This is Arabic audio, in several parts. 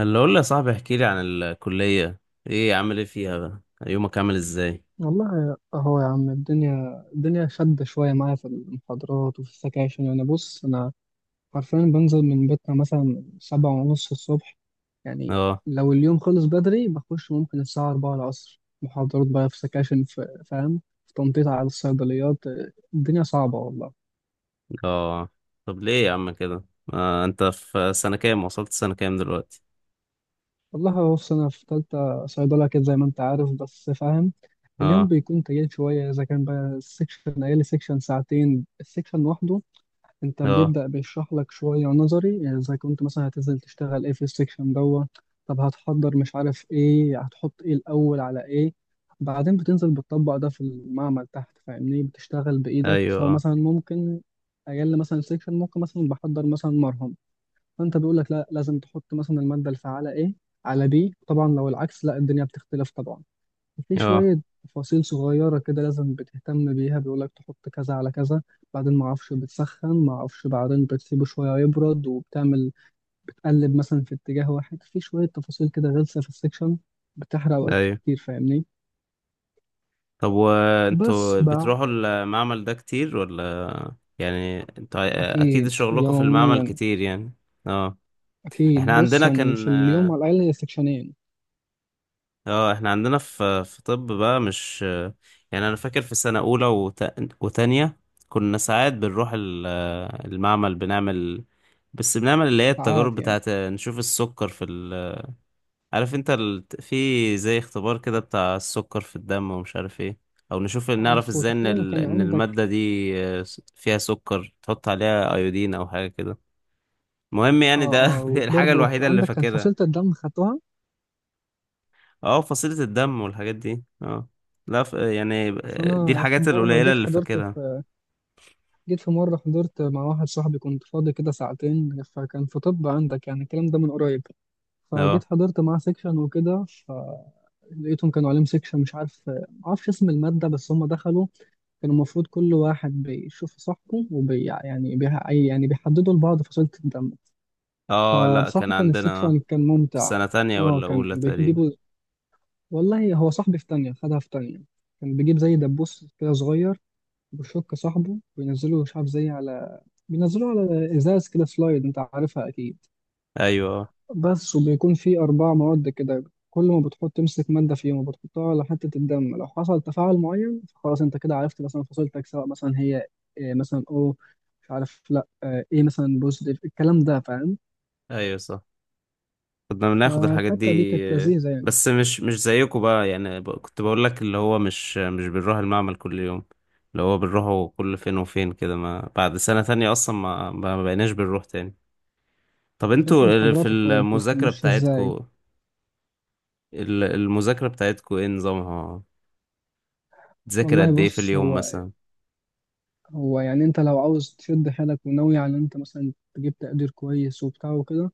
اللي اقول لي يا صاحبي احكي لي عن الكلية. ايه عامل ايه فيها بقى؟ يومك عامل ازاي؟ والله اهو يا عم الدنيا شدة شوية معايا في المحاضرات وفي السكاشن. يعني بص أنا حرفيا بنزل من بيتنا مثلا 7:30 الصبح، يعني اه. لو اليوم خلص بدري بخش ممكن الساعة أربعة العصر محاضرات، بقى في سكاشن، في فاهم، في تنطيط على الصيدليات. الدنيا صعبة والله. اه طب ليه يا عم كده؟ انت في سنة كام؟ وصلت سنة كام دلوقتي؟ والله بص أنا في تالتة صيدلة كده زي ما أنت عارف، بس فاهم اليوم اه. بيكون تقيل شوية. إذا كان بقى السكشن، أقل سكشن ساعتين السكشن لوحده. انت اه. بيبدأ بيشرح لك شوية نظري، يعني زي كنت مثلا هتنزل تشتغل ايه في السكشن دوت. طب هتحضر، مش عارف ايه، هتحط ايه الأول على ايه. بعدين بتنزل بتطبق ده في المعمل تحت، فاهمني، بتشتغل بإيدك ايوه سواء اه. مثلا ممكن أجل مثلا سكشن ممكن مثلا بحضر مثلا مرهم، فأنت بيقول لك لا لازم تحط مثلا المادة الفعالة ايه على بي طبعا، لو العكس لا الدنيا بتختلف طبعا. في اه. شوية تفاصيل صغيرة كده لازم بتهتم بيها، بيقولك تحط كذا على كذا، بعدين معرفش بتسخن، معرفش بعدين بتسيبه شوية يبرد وبتعمل، بتقلب مثلا في اتجاه واحد، في شوية تفاصيل كده غلسة في السكشن، بتحرق وقت ايوه. كتير فاهمني. طب بس وانتوا بقى، بتروحوا المعمل ده كتير ولا يعني انتوا اكيد أكيد شغلكم في المعمل يوميا. كتير يعني؟ اه أكيد احنا بص عندنا يعني في كان. اليوم على الأقل هي سكشنين، اه احنا عندنا في طب بقى مش يعني، انا فاكر في سنة اولى وتانية كنا ساعات بنروح المعمل، بنعمل، بس بنعمل اللي هي التجارب ساعات يعني. بتاعت نشوف السكر في عارف انت في زي اختبار كده بتاع السكر في الدم ومش عارف ايه، او نشوف نعرف عارفه ازاي ان تقريبا، وكان ان عندك، المادة دي فيها سكر، تحط عليها ايودين او حاجة كده. المهم يعني اه ده اه، الحاجة وبرضه الوحيدة اللي عندك كان فاكرها. فصيلة الدم خدتوها. اه فصيلة الدم والحاجات دي اه. لا يعني أصل دي أنا في الحاجات مرة القليلة جيت اللي حضرت فاكرها. في، جيت في مرة حضرت مع واحد صاحبي كنت فاضي كده ساعتين، فكان في طب عندك يعني الكلام ده من قريب، فجيت اه. حضرت معاه سيكشن وكده، فلقيتهم كانوا عليهم سيكشن مش عارف، معرفش اسم المادة، بس هم دخلوا كان المفروض كل واحد بيشوف صاحبه وبي يعني بي يعني بيحددوا لبعض فصيلة الدم. اه لا كان فبصراحة كان عندنا، السيكشن كان في ممتع. سنة تانية اه ولا كان أولى تقريبا. بيجيبوا، والله هو صاحبي في تانية خدها في تانية، كان بيجيب زي دبوس كده صغير بشوك صاحبه بينزله مش عارف زي على، بينزله على ازاز كده سلايد انت عارفها اكيد. أيوة اه. بس وبيكون فيه اربع مواد كده، كل ما بتحط، تمسك ماده فيهم وبتحطها على حته الدم، لو حصل تفاعل معين فخلاص انت كده عرفت مثلا فصيلتك، سواء مثلا هي إيه مثلا او مش عارف، لا آه، ايه مثلا بوزيتيف، الكلام ده فاهم. أيوة صح كنا بناخد الحاجات دي. فالحته دي كانت آه، لذيذه يعني. بس مش زيكم بقى يعني كنت بقول لك اللي هو مش بنروح المعمل كل يوم، اللي هو بنروحه كل فين وفين كده. ما بعد سنة تانية أصلا ما بقيناش بنروح تاني. طب طب انت انتوا في محاضراتك، طيب كنت المذاكرة ماشي ازاي؟ بتاعتكم، المذاكرة بتاعتكم ايه نظامها؟ تذاكر والله قد ايه في بص، اليوم هو مثلا؟ هو يعني انت لو عاوز تشد حيلك وناوي على ان انت مثلا تجيب تقدير كويس وبتاع وكده،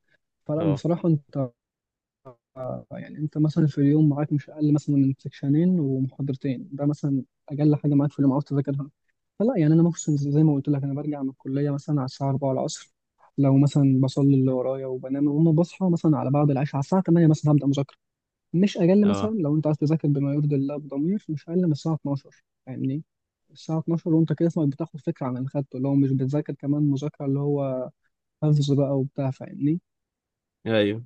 فلا اه. بصراحة انت، يعني انت مثلا في اليوم معاك مش اقل مثلا من سكشنين ومحاضرتين، ده مثلا اقل حاجة معاك في اليوم عاوز تذاكرها. فلا يعني انا ممكن زي ما قلت لك، انا برجع من الكلية مثلا على الساعة 4 العصر، لو مثلا بصلي اللي ورايا وبنام، وما بصحى مثلا على بعد العشاء على الساعة 8 مثلا هبدأ مذاكرة، مش اقل مثلا. اه. لو انت عايز تذاكر بما يرضي الله بضمير، مش اقل من الساعه 12 فاهمني. الساعه 12 وانت كده اسمك بتاخد فكره عن اللي خدته، اللي هو مش بتذاكر كمان مذاكره، اللي هو حفظ بقى وبتاع فاهمني. ايوه.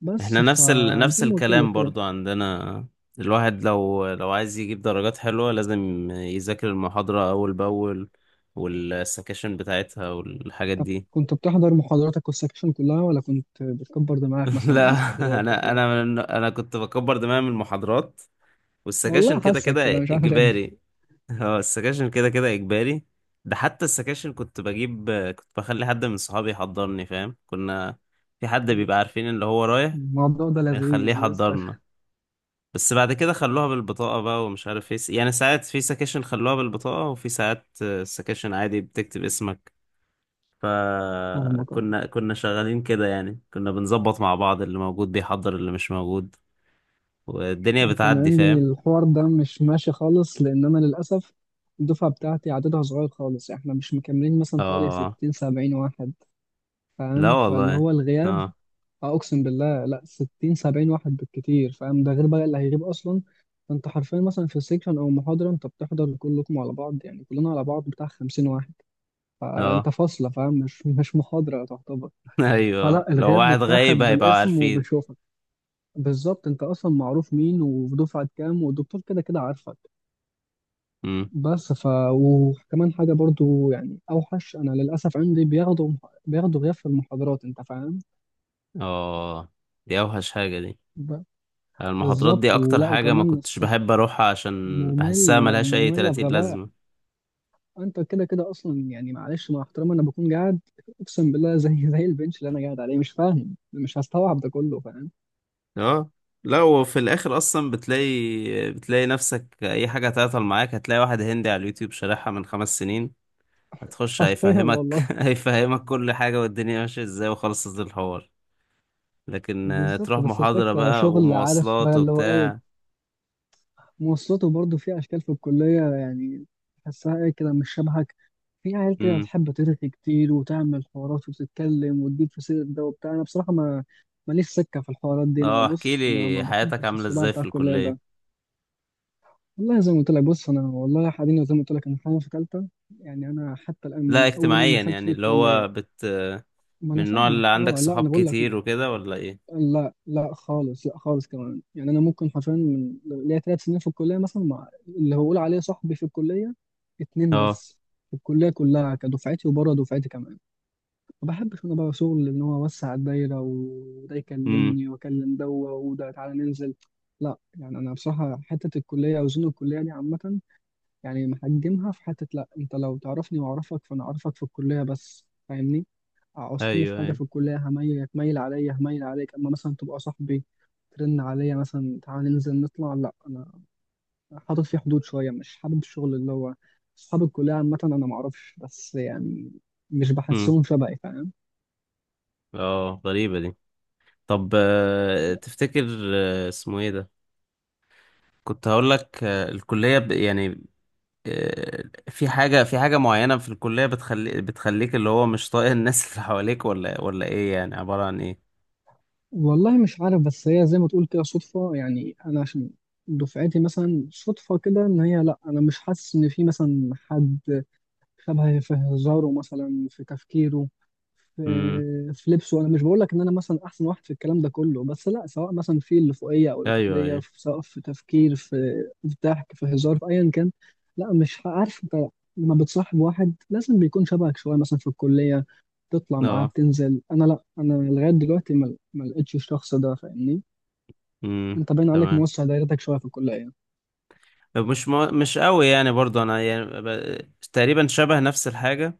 بس احنا نفس نفس فزي ما قلت لك الكلام كده. برضو عندنا. الواحد لو عايز يجيب درجات حلوة لازم يذاكر المحاضرة أول بأول، والسكاشن بتاعتها والحاجات طب دي. كنت بتحضر محاضراتك والسكشن كلها، ولا كنت بتكبر دماغك مثلا من لا. المحاضرات أنا وكده؟ أنا أنا كنت بكبر دماغي من المحاضرات، والسكاشن والله كده حاسك كده كده مش عارف ليه. إجباري. اه السكاشن كده كده إجباري. ده حتى السكاشن كنت بجيب، كنت بخلي حد من صحابي يحضرني فاهم؟ كنا في حد بيبقى عارفين اللي هو رايح الموضوع ده بنخليه لذيذ لذيذ يحضر لنا. فشخ. بس بعد كده خلوها بالبطاقة بقى ومش عارف ايه، يعني ساعات في سكاشن خلوها بالبطاقة، وفي ساعات سكاشن عادي بتكتب اسمك. فاهمك. فكنا كنا شغالين كده يعني، كنا بنظبط مع بعض اللي موجود بيحضر اللي مش موجود، والدنيا أنا كان بتعدي عندي فاهم. الحوار ده مش ماشي خالص، لأن أنا للأسف الدفعة بتاعتي عددها صغير خالص، إحنا مش مكملين مثلا حوالي اه. 60 70 واحد، لا فاهم، فاللي والله. هو الغياب، اه. أقسم بالله لأ 60 70 واحد بالكتير فاهم، ده غير بقى اللي هيغيب أصلا. فأنت حرفيا مثلا في سيكشن أو محاضرة أنت بتحضر كلكم على بعض، يعني كلنا على بعض بتاع 50 واحد، فأنت اه. فاصلة فاهم، مش محاضرة تعتبر. ايوه فلا لو الغياب واحد غايب بيتاخد هيبقوا بالاسم، عارفين. وبيشوفك بالظبط، انت اصلا معروف مين ودفعة كام، والدكتور كده كده عارفك. امم بس ف، وكمان حاجة برضو يعني أوحش، أنا للأسف عندي بياخدوا غياب في المحاضرات، أنت فاهم. اه دي اوحش حاجة دي، ب- المحاضرات دي بالظبط، اكتر ولا حاجة ما وكمان كنتش بحب اروحها عشان بحسها مملة ملهاش اي مملة 30 بغباء. لازمة. أنت كده كده أصلا يعني معلش مع احترامي أنا بكون قاعد، أقسم بالله، زي البنش اللي أنا قاعد عليه، مش فاهم مش هستوعب ده كله فاهم. اه لا وفي الاخر اصلا بتلاقي، بتلاقي نفسك اي حاجه تعطل معاك هتلاقي واحد هندي على اليوتيوب شارحها من خمس سنين، هتخش حرفيا هيفهمك والله. هيفهمك كل حاجه والدنيا ماشيه ازاي وخلصت الحوار. لكن بالظبط، تروح بس محاضره الفكرة بقى شغل عارف ومواصلات بقى اللي هو إيه، وبتاع. مواصلاته برضو في أشكال في الكلية يعني، تحسها إيه كده مش شبهك، في عيال كده امم بتحب ترغي كتير وتعمل حوارات وتتكلم وتجيب في سيرة ده وبتاع. أنا بصراحة ما ماليش سكة في الحوارات دي. أنا اه احكي بص، أنا لي ما حياتك بحبش عامله الصداع ازاي في بتاع الكلية ده. الكليه. والله زي ما قلت لك بص، أنا والله حاليا زي ما قلت لك أنا حاليا في تالتة، يعني أنا حتى الآن من لا أول يوم اجتماعيا دخلت في يعني اللي الكلية، هو ما من أنا النوع اللي فاهمك. عندك أه لا أنا صحاب بقول لك، كتير وكده ولا ايه؟ لا لا خالص، لا خالص كمان، يعني أنا ممكن حرفيا من ليا 3 سنين في الكلية مثلا، مع اللي هقول عليه صاحبي في الكلية اتنين اه. بس، في الكلية كلها كدفعتي وبره دفعتي كمان. ما بحبش انا بقى شغل ان هو اوسع الدايره وده امم. يكلمني واكلم ده، وده تعالى ننزل، لا يعني انا بصراحه حته الكليه او زون الكليه دي عامه، يعني محجمها في حته. لا انت لو تعرفني واعرفك، فانا اعرفك في الكليه بس فاهمني. عوزتني في ايوه حاجه في ايوه. الكليه هتميل عليا، هميل عليك، اما مثلا تبقى صاحبي ترن عليا مثلا تعالى ننزل نطلع، لا انا حاطط فيه حدود شويه، مش حابب الشغل اللي هو اصحاب الكليه عامه، انا معرفش بس يعني، مش امم بحسهم شبهي فاهم. اه غريبه دي. طب تفتكر اسمه ايه ده، كنت هقول لك، الكلية يعني آه، في حاجة، في حاجة معينة في الكلية بتخلي بتخليك اللي هو مش طايق الناس اللي حواليك، ولا ولا ايه يعني، عبارة عن ايه؟ والله مش عارف، بس هي زي ما تقول كده صدفة، يعني أنا عشان دفعتي مثلا صدفة كده، إن هي لأ أنا مش حاسس إن في مثلا حد شبهي في هزاره، مثلا في تفكيره، في امم في لبسه. انا مش بقول لك ان انا مثلا احسن واحد في الكلام ده كله، بس لا، سواء مثلا في اللي فوقيه او اللي ايوه تحتيه ايوه. سواء في تفكير في في ضحك في هزار في ايا كان، لا مش ه- عارف انت، لما بتصاحب واحد لازم بيكون شبهك شويه، مثلا في الكليه تطلع معاه اه. بتنزل، انا لا، انا لغايه دلوقتي ما لقيتش الشخص ده فاهمني. امم. انت باين عليك تمام. موسع دايرتك شويه في الكليه. مش ما... مش قوي يعني برضو انا يعني تقريبا شبه نفس الحاجة،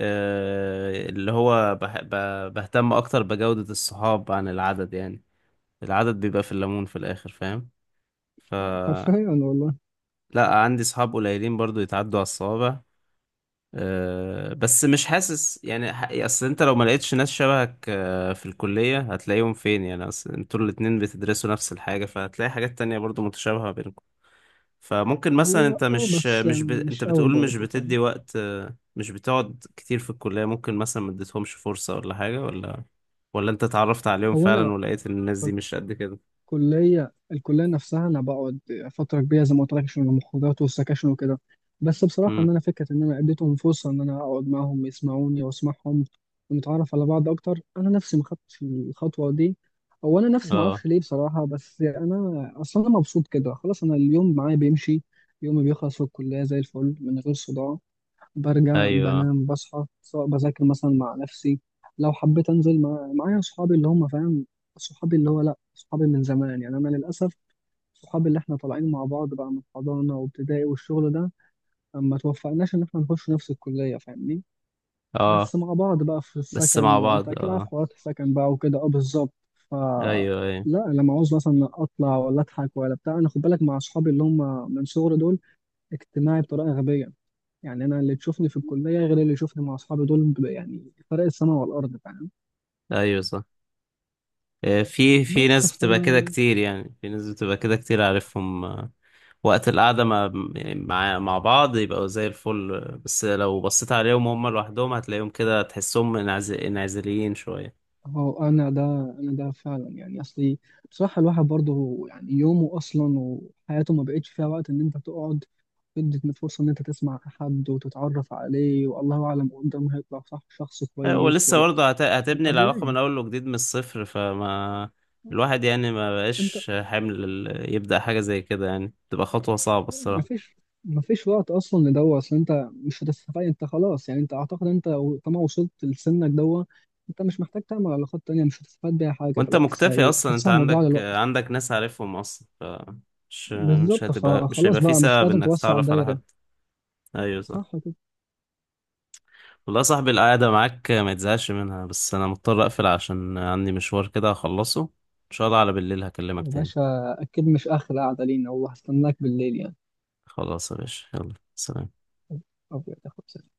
اللي هو بهتم اكتر بجودة الصحاب عن العدد يعني، العدد بيبقى في الليمون في الاخر فاهم. ف حرفيا والله. لا عندي صحاب قليلين برضو يتعدوا على الصوابع. أه بس مش حاسس يعني اصل انت لو ما لقيتش ناس شبهك أه في الكلية هتلاقيهم فين يعني؟ اصل انتوا الاتنين بتدرسوا نفس الحاجة، فهتلاقي حاجات تانية برضو متشابهة بينكم. فممكن مثلا هو انت اه، مش بس مش يعني ب... انت مش قوي بتقول مش برضه فاهم. بتدي وقت مش بتقعد كتير في الكلية، ممكن مثلا ما اديتهمش فرصة ولا حاجة، ولا ولا انت اتعرفت عليهم هو فعلا انا ولقيت ان الناس دي مش قد كده. كلية الكلية نفسها أنا بقعد فترة كبيرة زي ما قلت لك عشان المخرجات والسكاشن وكده بس بصراحة امم. إن أنا فكرة إن أنا اديتهم فرصة إن أنا أقعد معاهم يسمعوني وأسمعهم ونتعرف على بعض أكتر أنا نفسي ما خدتش الخطوة دي أو أنا نفسي ما اه. أعرفش ليه بصراحة بس أنا أصلا أنا مبسوط كده خلاص أنا اليوم معايا بيمشي يومي بيخلص في الكلية زي الفل من غير صداع برجع ايوه. بنام بصحى سواء بذاكر مثلا مع نفسي لو حبيت انزل مع... معايا صحابي اللي هم فاهم صحابي اللي هو لا صحابي من زمان يعني انا للاسف صحابي اللي احنا طالعين مع بعض بقى من حضانه وابتدائي والشغل ده ما توفقناش ان احنا نخش نفس الكليه فاهمني اه بس مع بعض بقى في بس السكن مع وانت بعض اكيد عارف اه. حوارات السكن بقى وكده اه بالظبط ف ايوه ايوه. لا لما عاوز مثلا اطلع ولا اضحك ولا بتاع انا خد بالك مع صحابي اللي هم من صغري دول اجتماعي بطريقه غبيه يعني انا اللي تشوفني في الكليه غير اللي يشوفني مع اصحابي دول ب- يعني فرق السماء والارض فاهم ايوه صح. في في بس ناس ف بتبقى كده كتير يعني، في ناس بتبقى كده كتير عارفهم، وقت القعدة مع يعني مع مع بعض يبقوا زي الفل. بس لو بصيت عليهم هم لوحدهم هتلاقيهم كده، تحسهم انعزاليين شوية. هو انا ده انا ده فعلا يعني اصلي، بصراحه الواحد برضه يعني يومه اصلا وحياته ما بقتش فيها وقت ان انت تقعد تدي فرصه ان انت تسمع حد وتتعرف عليه، والله اعلم قدامه هيطلع صح، شخص كويس ولسه ولا. برضه هتبني طب العلاقة وليه، من أول وجديد من الصفر، فما الواحد يعني ما انت بقاش حمل يبدأ حاجة زي كده يعني، تبقى خطوة صعبة الصراحة. مفيش مفيش وقت اصلا لدوا، اصل انت مش هتستفاد، انت خلاص يعني انت اعتقد انت طالما وصلت لسنك دوا، انت مش محتاج تعمل علاقات تانية، مش هتستفاد بيها حاجة، وانت بالعكس مكتفي هي اصلا، انت حاسسها مضيعة عندك، للوقت. عندك ناس عارفهم اصلا، مش، مش بالظبط، هتبقى، مش فخلاص هيبقى في بقى مش سبب لازم انك توسع تتعرف على الدايرة. حد. ايوه صح. صح كده. والله يا صاحبي القعده معاك ما تزهقش منها، بس انا مضطر اقفل عشان عندي مشوار كده هخلصه ان شاء الله، على بالليل هكلمك يا تاني. باشا، اكيد مش اخر قعدة لينا والله، هستناك بالليل يعني. خلاص يا باشا يلا سلام. أبيض يا أخويا.